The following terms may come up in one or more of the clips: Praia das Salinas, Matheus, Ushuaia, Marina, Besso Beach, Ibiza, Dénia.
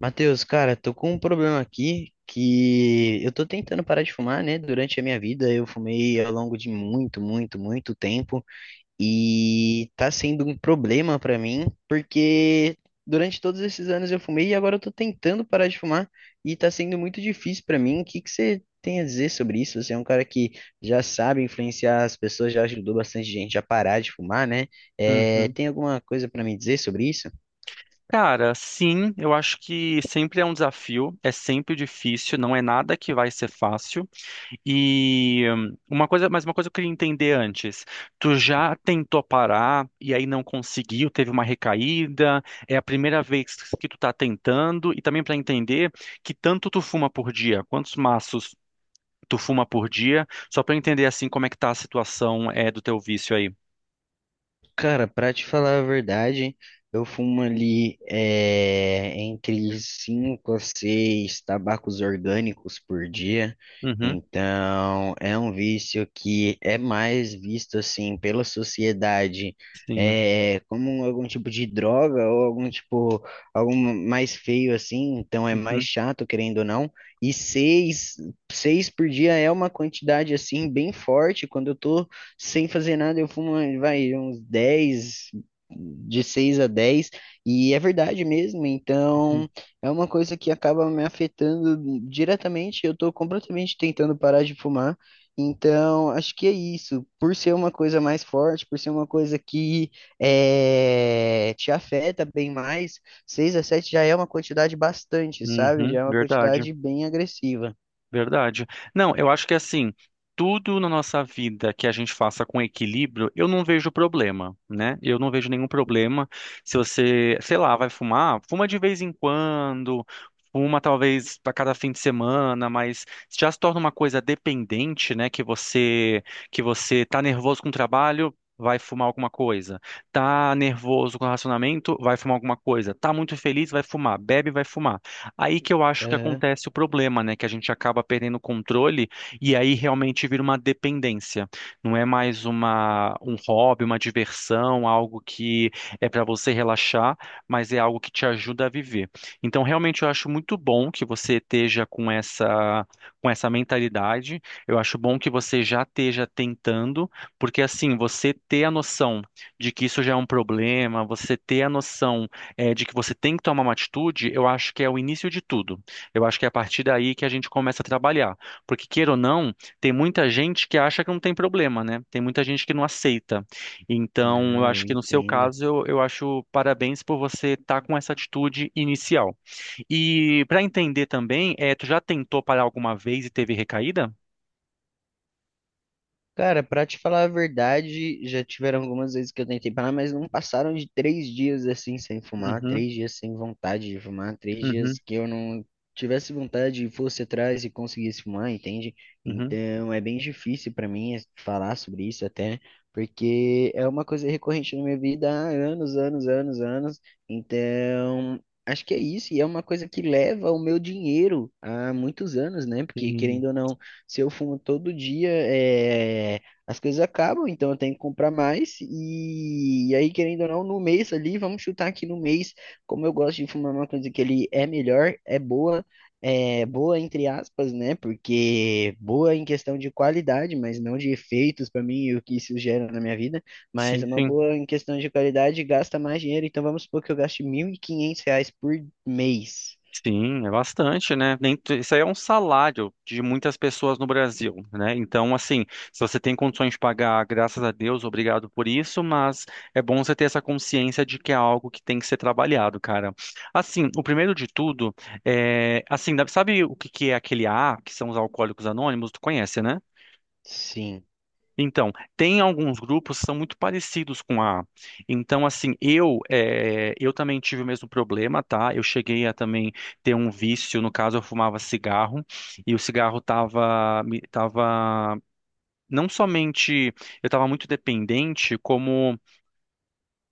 Matheus, cara, tô com um problema aqui que eu tô tentando parar de fumar, né? Durante a minha vida eu fumei ao longo de muito, muito, muito tempo e tá sendo um problema pra mim porque durante todos esses anos eu fumei e agora eu tô tentando parar de fumar e tá sendo muito difícil pra mim. O que que você tem a dizer sobre isso? Você é um cara que já sabe influenciar as pessoas, já ajudou bastante gente a parar de fumar, né? É, Uhum. tem alguma coisa pra me dizer sobre isso? Cara, sim, eu acho que sempre é um desafio, é sempre difícil, não é nada que vai ser fácil. E uma coisa que eu queria entender antes. Tu já tentou parar e aí não conseguiu, teve uma recaída, é a primeira vez que tu tá tentando, e também para entender que tanto tu fuma por dia, quantos maços tu fuma por dia, só para entender assim como é que tá a situação do teu vício aí. Cara, pra te falar a verdade, eu fumo ali entre 5 a 6 tabacos orgânicos por dia. Uhum, Então, é um vício que é mais visto assim pela sociedade sim. Como algum tipo de droga ou algum tipo, algum mais feio assim. Então, é mais Uhum, chato, querendo ou não. E 6, 6 por dia é uma quantidade assim bem forte quando eu tô sem fazer nada, eu fumo, vai, uns 10, de 6 a 10, e é verdade mesmo, uhum, então é uma coisa que acaba me afetando diretamente, eu tô completamente tentando parar de fumar, então acho que é isso, por ser uma coisa mais forte, por ser uma coisa que é, te afeta bem mais, 6 a 7 já é uma quantidade bastante, uhum, sabe? Já uhum, é uma verdade. quantidade bem agressiva. Verdade. Não, eu acho que assim, tudo na nossa vida que a gente faça com equilíbrio, eu não vejo problema, né? Eu não vejo nenhum problema se você, sei lá, vai fumar, fuma de vez em quando, fuma talvez a cada fim de semana, mas já se torna uma coisa dependente, né? Que você tá nervoso com o trabalho, vai fumar alguma coisa. Tá nervoso com o relacionamento, vai fumar alguma coisa. Tá muito feliz, vai fumar. Bebe, vai fumar. Aí que eu acho que Aham. acontece o problema, né? Que a gente acaba perdendo o controle e aí realmente vira uma dependência. Não é mais um hobby, uma diversão, algo que é para você relaxar, mas é algo que te ajuda a viver. Então, realmente, eu acho muito bom que você esteja com essa mentalidade. Eu acho bom que você já esteja tentando, porque assim, você ter a noção de que isso já é um problema, você ter a noção de que você tem que tomar uma atitude, eu acho que é o início de tudo. Eu acho que é a partir daí que a gente começa a trabalhar. Porque, queira ou não, tem muita gente que acha que não tem problema, né? Tem muita gente que não aceita. Então, eu acho Não, que no seu entenda. caso, eu acho parabéns por você estar com essa atitude inicial. E para entender também, tu já tentou parar alguma vez e teve recaída? Cara, pra te falar a verdade, já tiveram algumas vezes que eu tentei parar, mas não passaram de 3 dias assim sem fumar, Uhum, 3 dias sem vontade de fumar, três uhum, dias que eu não tivesse vontade e fosse atrás e conseguisse fumar, entende? uhum. Então é bem difícil pra mim falar sobre isso até, porque é uma coisa recorrente na minha vida há anos, anos, anos, anos. Então acho que é isso, e é uma coisa que leva o meu dinheiro há muitos anos, né? Porque Sim, querendo ou não. Se eu fumo todo dia, é, as coisas acabam, então eu tenho que comprar mais. E aí, querendo ou não, no mês ali, vamos chutar aqui no mês, como eu gosto de fumar uma coisa que ele é melhor, é boa entre aspas, né? Porque boa em questão de qualidade, mas não de efeitos para mim e o que isso gera na minha vida. Mas sim, é uma sim. boa em questão de qualidade, gasta mais dinheiro. Então vamos supor que eu gaste R$ 1.500 por mês. Sim, é bastante, né? Nem, tu- Isso aí é um salário de muitas pessoas no Brasil, né? Então, assim, se você tem condições de pagar, graças a Deus, obrigado por isso, mas é bom você ter essa consciência de que é algo que tem que ser trabalhado, cara. Assim, o primeiro de tudo é, assim, sabe o que que é aquele A, que são os alcoólicos anônimos? Tu conhece, né? Sim. Então, tem alguns grupos que são muito parecidos com a. Então, assim, eu também tive o mesmo problema, tá? Eu cheguei a também ter um vício, no caso, eu fumava cigarro e o cigarro tava me- tava não somente eu estava muito dependente, como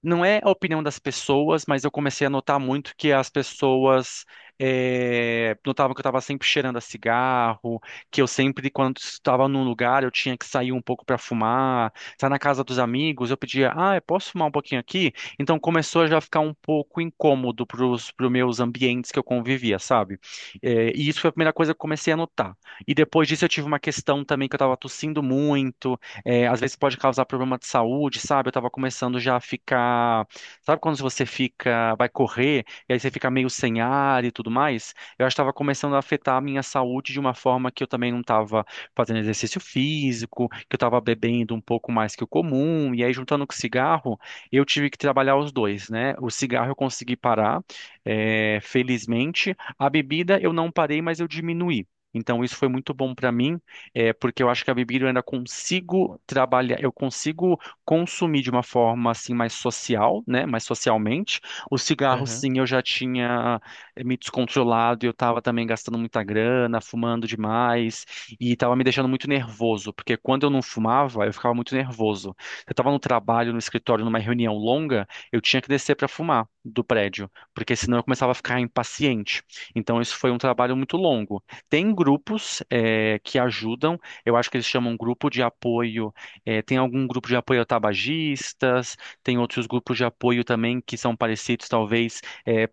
não é a opinião das pessoas, mas eu comecei a notar muito que as pessoas notavam que eu estava sempre cheirando a cigarro, que eu sempre, quando estava num lugar, eu tinha que sair um pouco para fumar. Estar na casa dos amigos, eu pedia, ah, eu posso fumar um pouquinho aqui? Então começou a já ficar um pouco incômodo para os meus ambientes que eu convivia, sabe? E isso foi a primeira coisa que eu comecei a notar. E depois disso eu tive uma questão também que eu estava tossindo muito. É, às vezes pode causar problema de saúde, sabe? Eu tava começando já a ficar. Sabe quando você fica, vai correr e aí você fica meio sem ar e tudo mais? Eu acho que tava começando a afetar a minha saúde de uma forma que eu também não tava fazendo exercício físico, que eu tava bebendo um pouco mais que o comum, e aí juntando com o cigarro, eu tive que trabalhar os dois, né? O cigarro eu consegui parar, felizmente. A bebida eu não parei, mas eu diminuí. Então, isso foi muito bom para mim, porque eu acho que a bebida eu ainda consigo trabalhar, eu consigo consumir de uma forma assim mais social, né? Mais socialmente. O cigarro, sim, eu já tinha me descontrolado, e eu estava também gastando muita grana, fumando demais e estava me deixando muito nervoso, porque quando eu não fumava, eu ficava muito nervoso. Eu estava no trabalho, no escritório, numa reunião longa, eu tinha que descer para fumar do prédio, porque senão eu começava a ficar impaciente. Então isso foi um trabalho muito longo. Tem grupos que ajudam, eu acho que eles chamam grupo de apoio. Tem algum grupo de apoio a tabagistas, tem outros grupos de apoio também que são parecidos, talvez,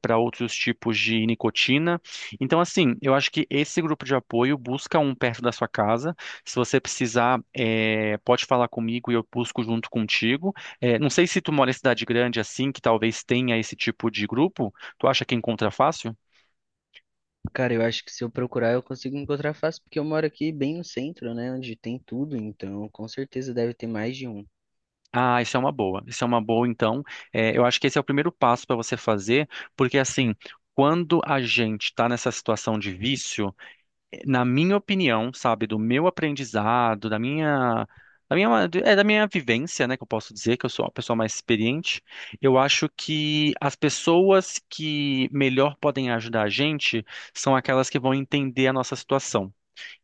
para outros tipos de nicotina. Então, assim, eu acho que esse grupo de apoio busca um perto da sua casa. Se você precisar, pode falar comigo e eu busco junto contigo. Não sei se tu mora em cidade grande assim, que talvez tenha esse tipo de grupo. Tu acha que encontra fácil? Cara, eu acho que se eu procurar eu consigo encontrar fácil, porque eu moro aqui bem no centro, né? Onde tem tudo, então com certeza deve ter mais de um. Ah, isso é uma boa. Isso é uma boa, então. É, eu acho que esse é o primeiro passo para você fazer, porque assim, quando a gente está nessa situação de vício, na minha opinião, sabe, do meu aprendizado, da minha, da minha vivência, né, que eu posso dizer que eu sou uma pessoa mais experiente, eu acho que as pessoas que melhor podem ajudar a gente são aquelas que vão entender a nossa situação,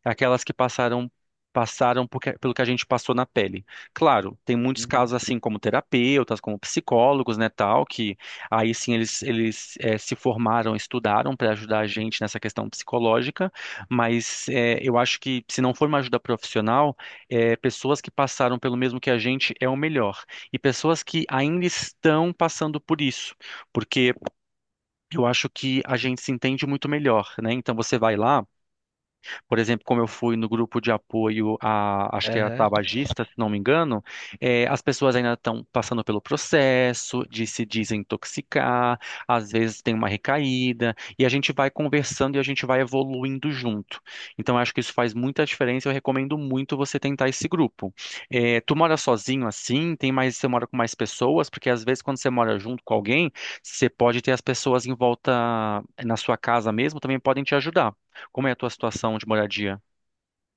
aquelas que passaram, pelo que a gente passou na pele. Claro, tem muitos Uhum. casos assim como terapeutas, como psicólogos, né, tal, que aí sim eles se formaram, estudaram para ajudar a gente nessa questão psicológica, mas eu acho que se não for uma ajuda profissional, pessoas que passaram pelo mesmo que a gente é o melhor, e pessoas que ainda estão passando por isso, porque eu acho que a gente se entende muito melhor, né? Então você vai lá, por exemplo, como eu fui no grupo de apoio a, acho que é Aham. tabagista, se não me engano, as pessoas ainda estão passando pelo processo de se desintoxicar, às vezes tem uma recaída, e a gente vai conversando e a gente vai evoluindo junto. Então, eu acho que isso faz muita diferença. Eu recomendo muito você tentar esse grupo. Tu mora sozinho assim? Você mora com mais pessoas? Porque às vezes quando você mora junto com alguém, você pode ter as pessoas em volta na sua casa mesmo, também podem te ajudar. Como é a tua situação de moradia?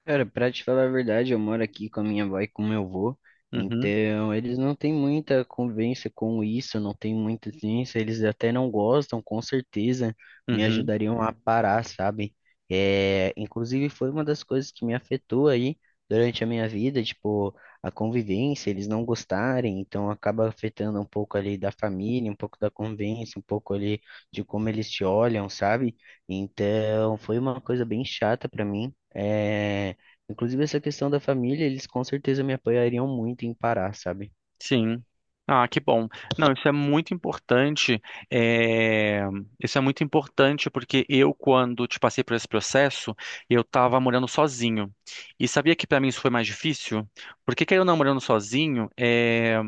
Cara, pra te falar a verdade, eu moro aqui com a minha avó e com meu avô, Uhum, então eles não têm muita convivência com isso, não tem muita ciência, eles até não gostam, com certeza me uhum, ajudariam a parar, sabe? É, inclusive foi uma das coisas que me afetou aí durante a minha vida, tipo, a convivência, eles não gostarem, então acaba afetando um pouco ali da família, um pouco da convivência, um pouco ali de como eles te olham, sabe? Então foi uma coisa bem chata pra mim. É, inclusive, essa questão da família, eles com certeza me apoiariam muito em parar, sabe? sim. Ah, que bom. Não, isso é muito importante. é, Isso é muito importante porque eu, quando te passei por esse processo, eu estava morando sozinho. E sabia que para mim isso foi mais difícil? Porque querendo ou não, morando sozinho,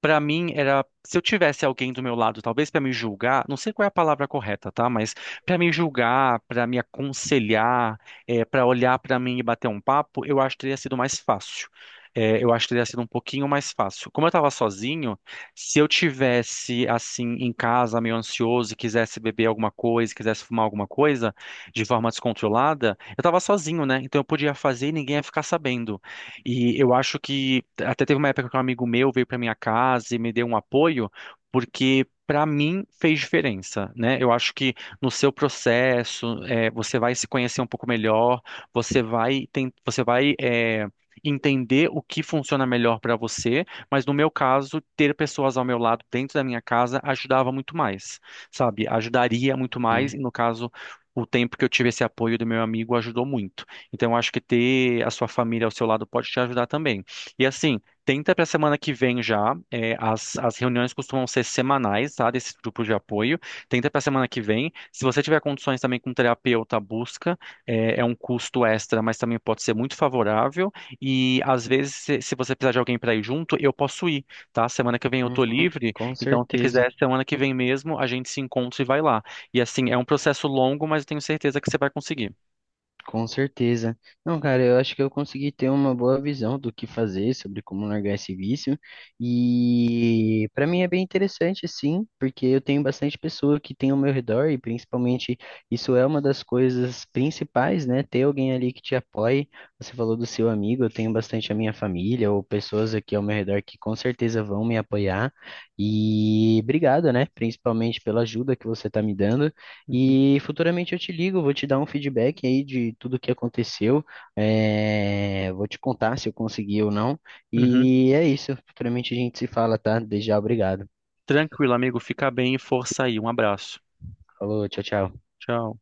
pra mim era, se eu tivesse alguém do meu lado, talvez pra me julgar, não sei qual é a palavra correta, tá? Mas pra me julgar, pra me aconselhar, para olhar pra mim e bater um papo, eu acho que teria sido mais fácil. É, eu acho que teria sido um pouquinho mais fácil. Como eu tava sozinho, se eu tivesse assim em casa, meio ansioso, e quisesse beber alguma coisa, quisesse fumar alguma coisa de forma descontrolada, eu tava sozinho, né? Então eu podia fazer e ninguém ia ficar sabendo. E eu acho que até teve uma época que um amigo meu veio para minha casa e me deu um apoio, porque para mim fez diferença, né? Eu acho que no seu processo, você vai se conhecer um pouco melhor, você vai entender o que funciona melhor para você, mas no meu caso, ter pessoas ao meu lado dentro da minha casa ajudava muito mais, sabe? Ajudaria muito mais, Uhum, e no caso, o tempo que eu tive esse apoio do meu amigo ajudou muito. Então, acho que ter a sua família ao seu lado pode te ajudar também. E assim, tenta para a semana que vem já. As reuniões costumam ser semanais, tá? Desses grupos de apoio. Tenta para a semana que vem. Se você tiver condições também com um terapeuta, busca. É, é um custo extra, mas também pode ser muito favorável. E às vezes, se você precisar de alguém para ir junto, eu posso ir, tá? Semana que vem eu tô uhum, livre. com Então, se certeza. quiser, semana que vem mesmo, a gente se encontra e vai lá. E assim, é um processo longo, mas eu tenho certeza que você vai conseguir. Com certeza. Não, cara, eu acho que eu consegui ter uma boa visão do que fazer sobre como largar esse vício. E para mim é bem interessante, sim, porque eu tenho bastante pessoa que tem ao meu redor e principalmente isso é uma das coisas principais, né? Ter alguém ali que te apoie. Você falou do seu amigo, eu tenho bastante a minha família ou pessoas aqui ao meu redor que com certeza vão me apoiar. E obrigado, né? Principalmente pela ajuda que você está me dando. Uhum. E futuramente eu te ligo, vou te dar um feedback aí de tudo que aconteceu, vou te contar se eu consegui ou não. Uhum. E é isso, futuramente a gente se fala, tá? Desde já, obrigado. Tranquilo, amigo. Fica bem e força aí. Um abraço. Falou, tchau, tchau. Tchau.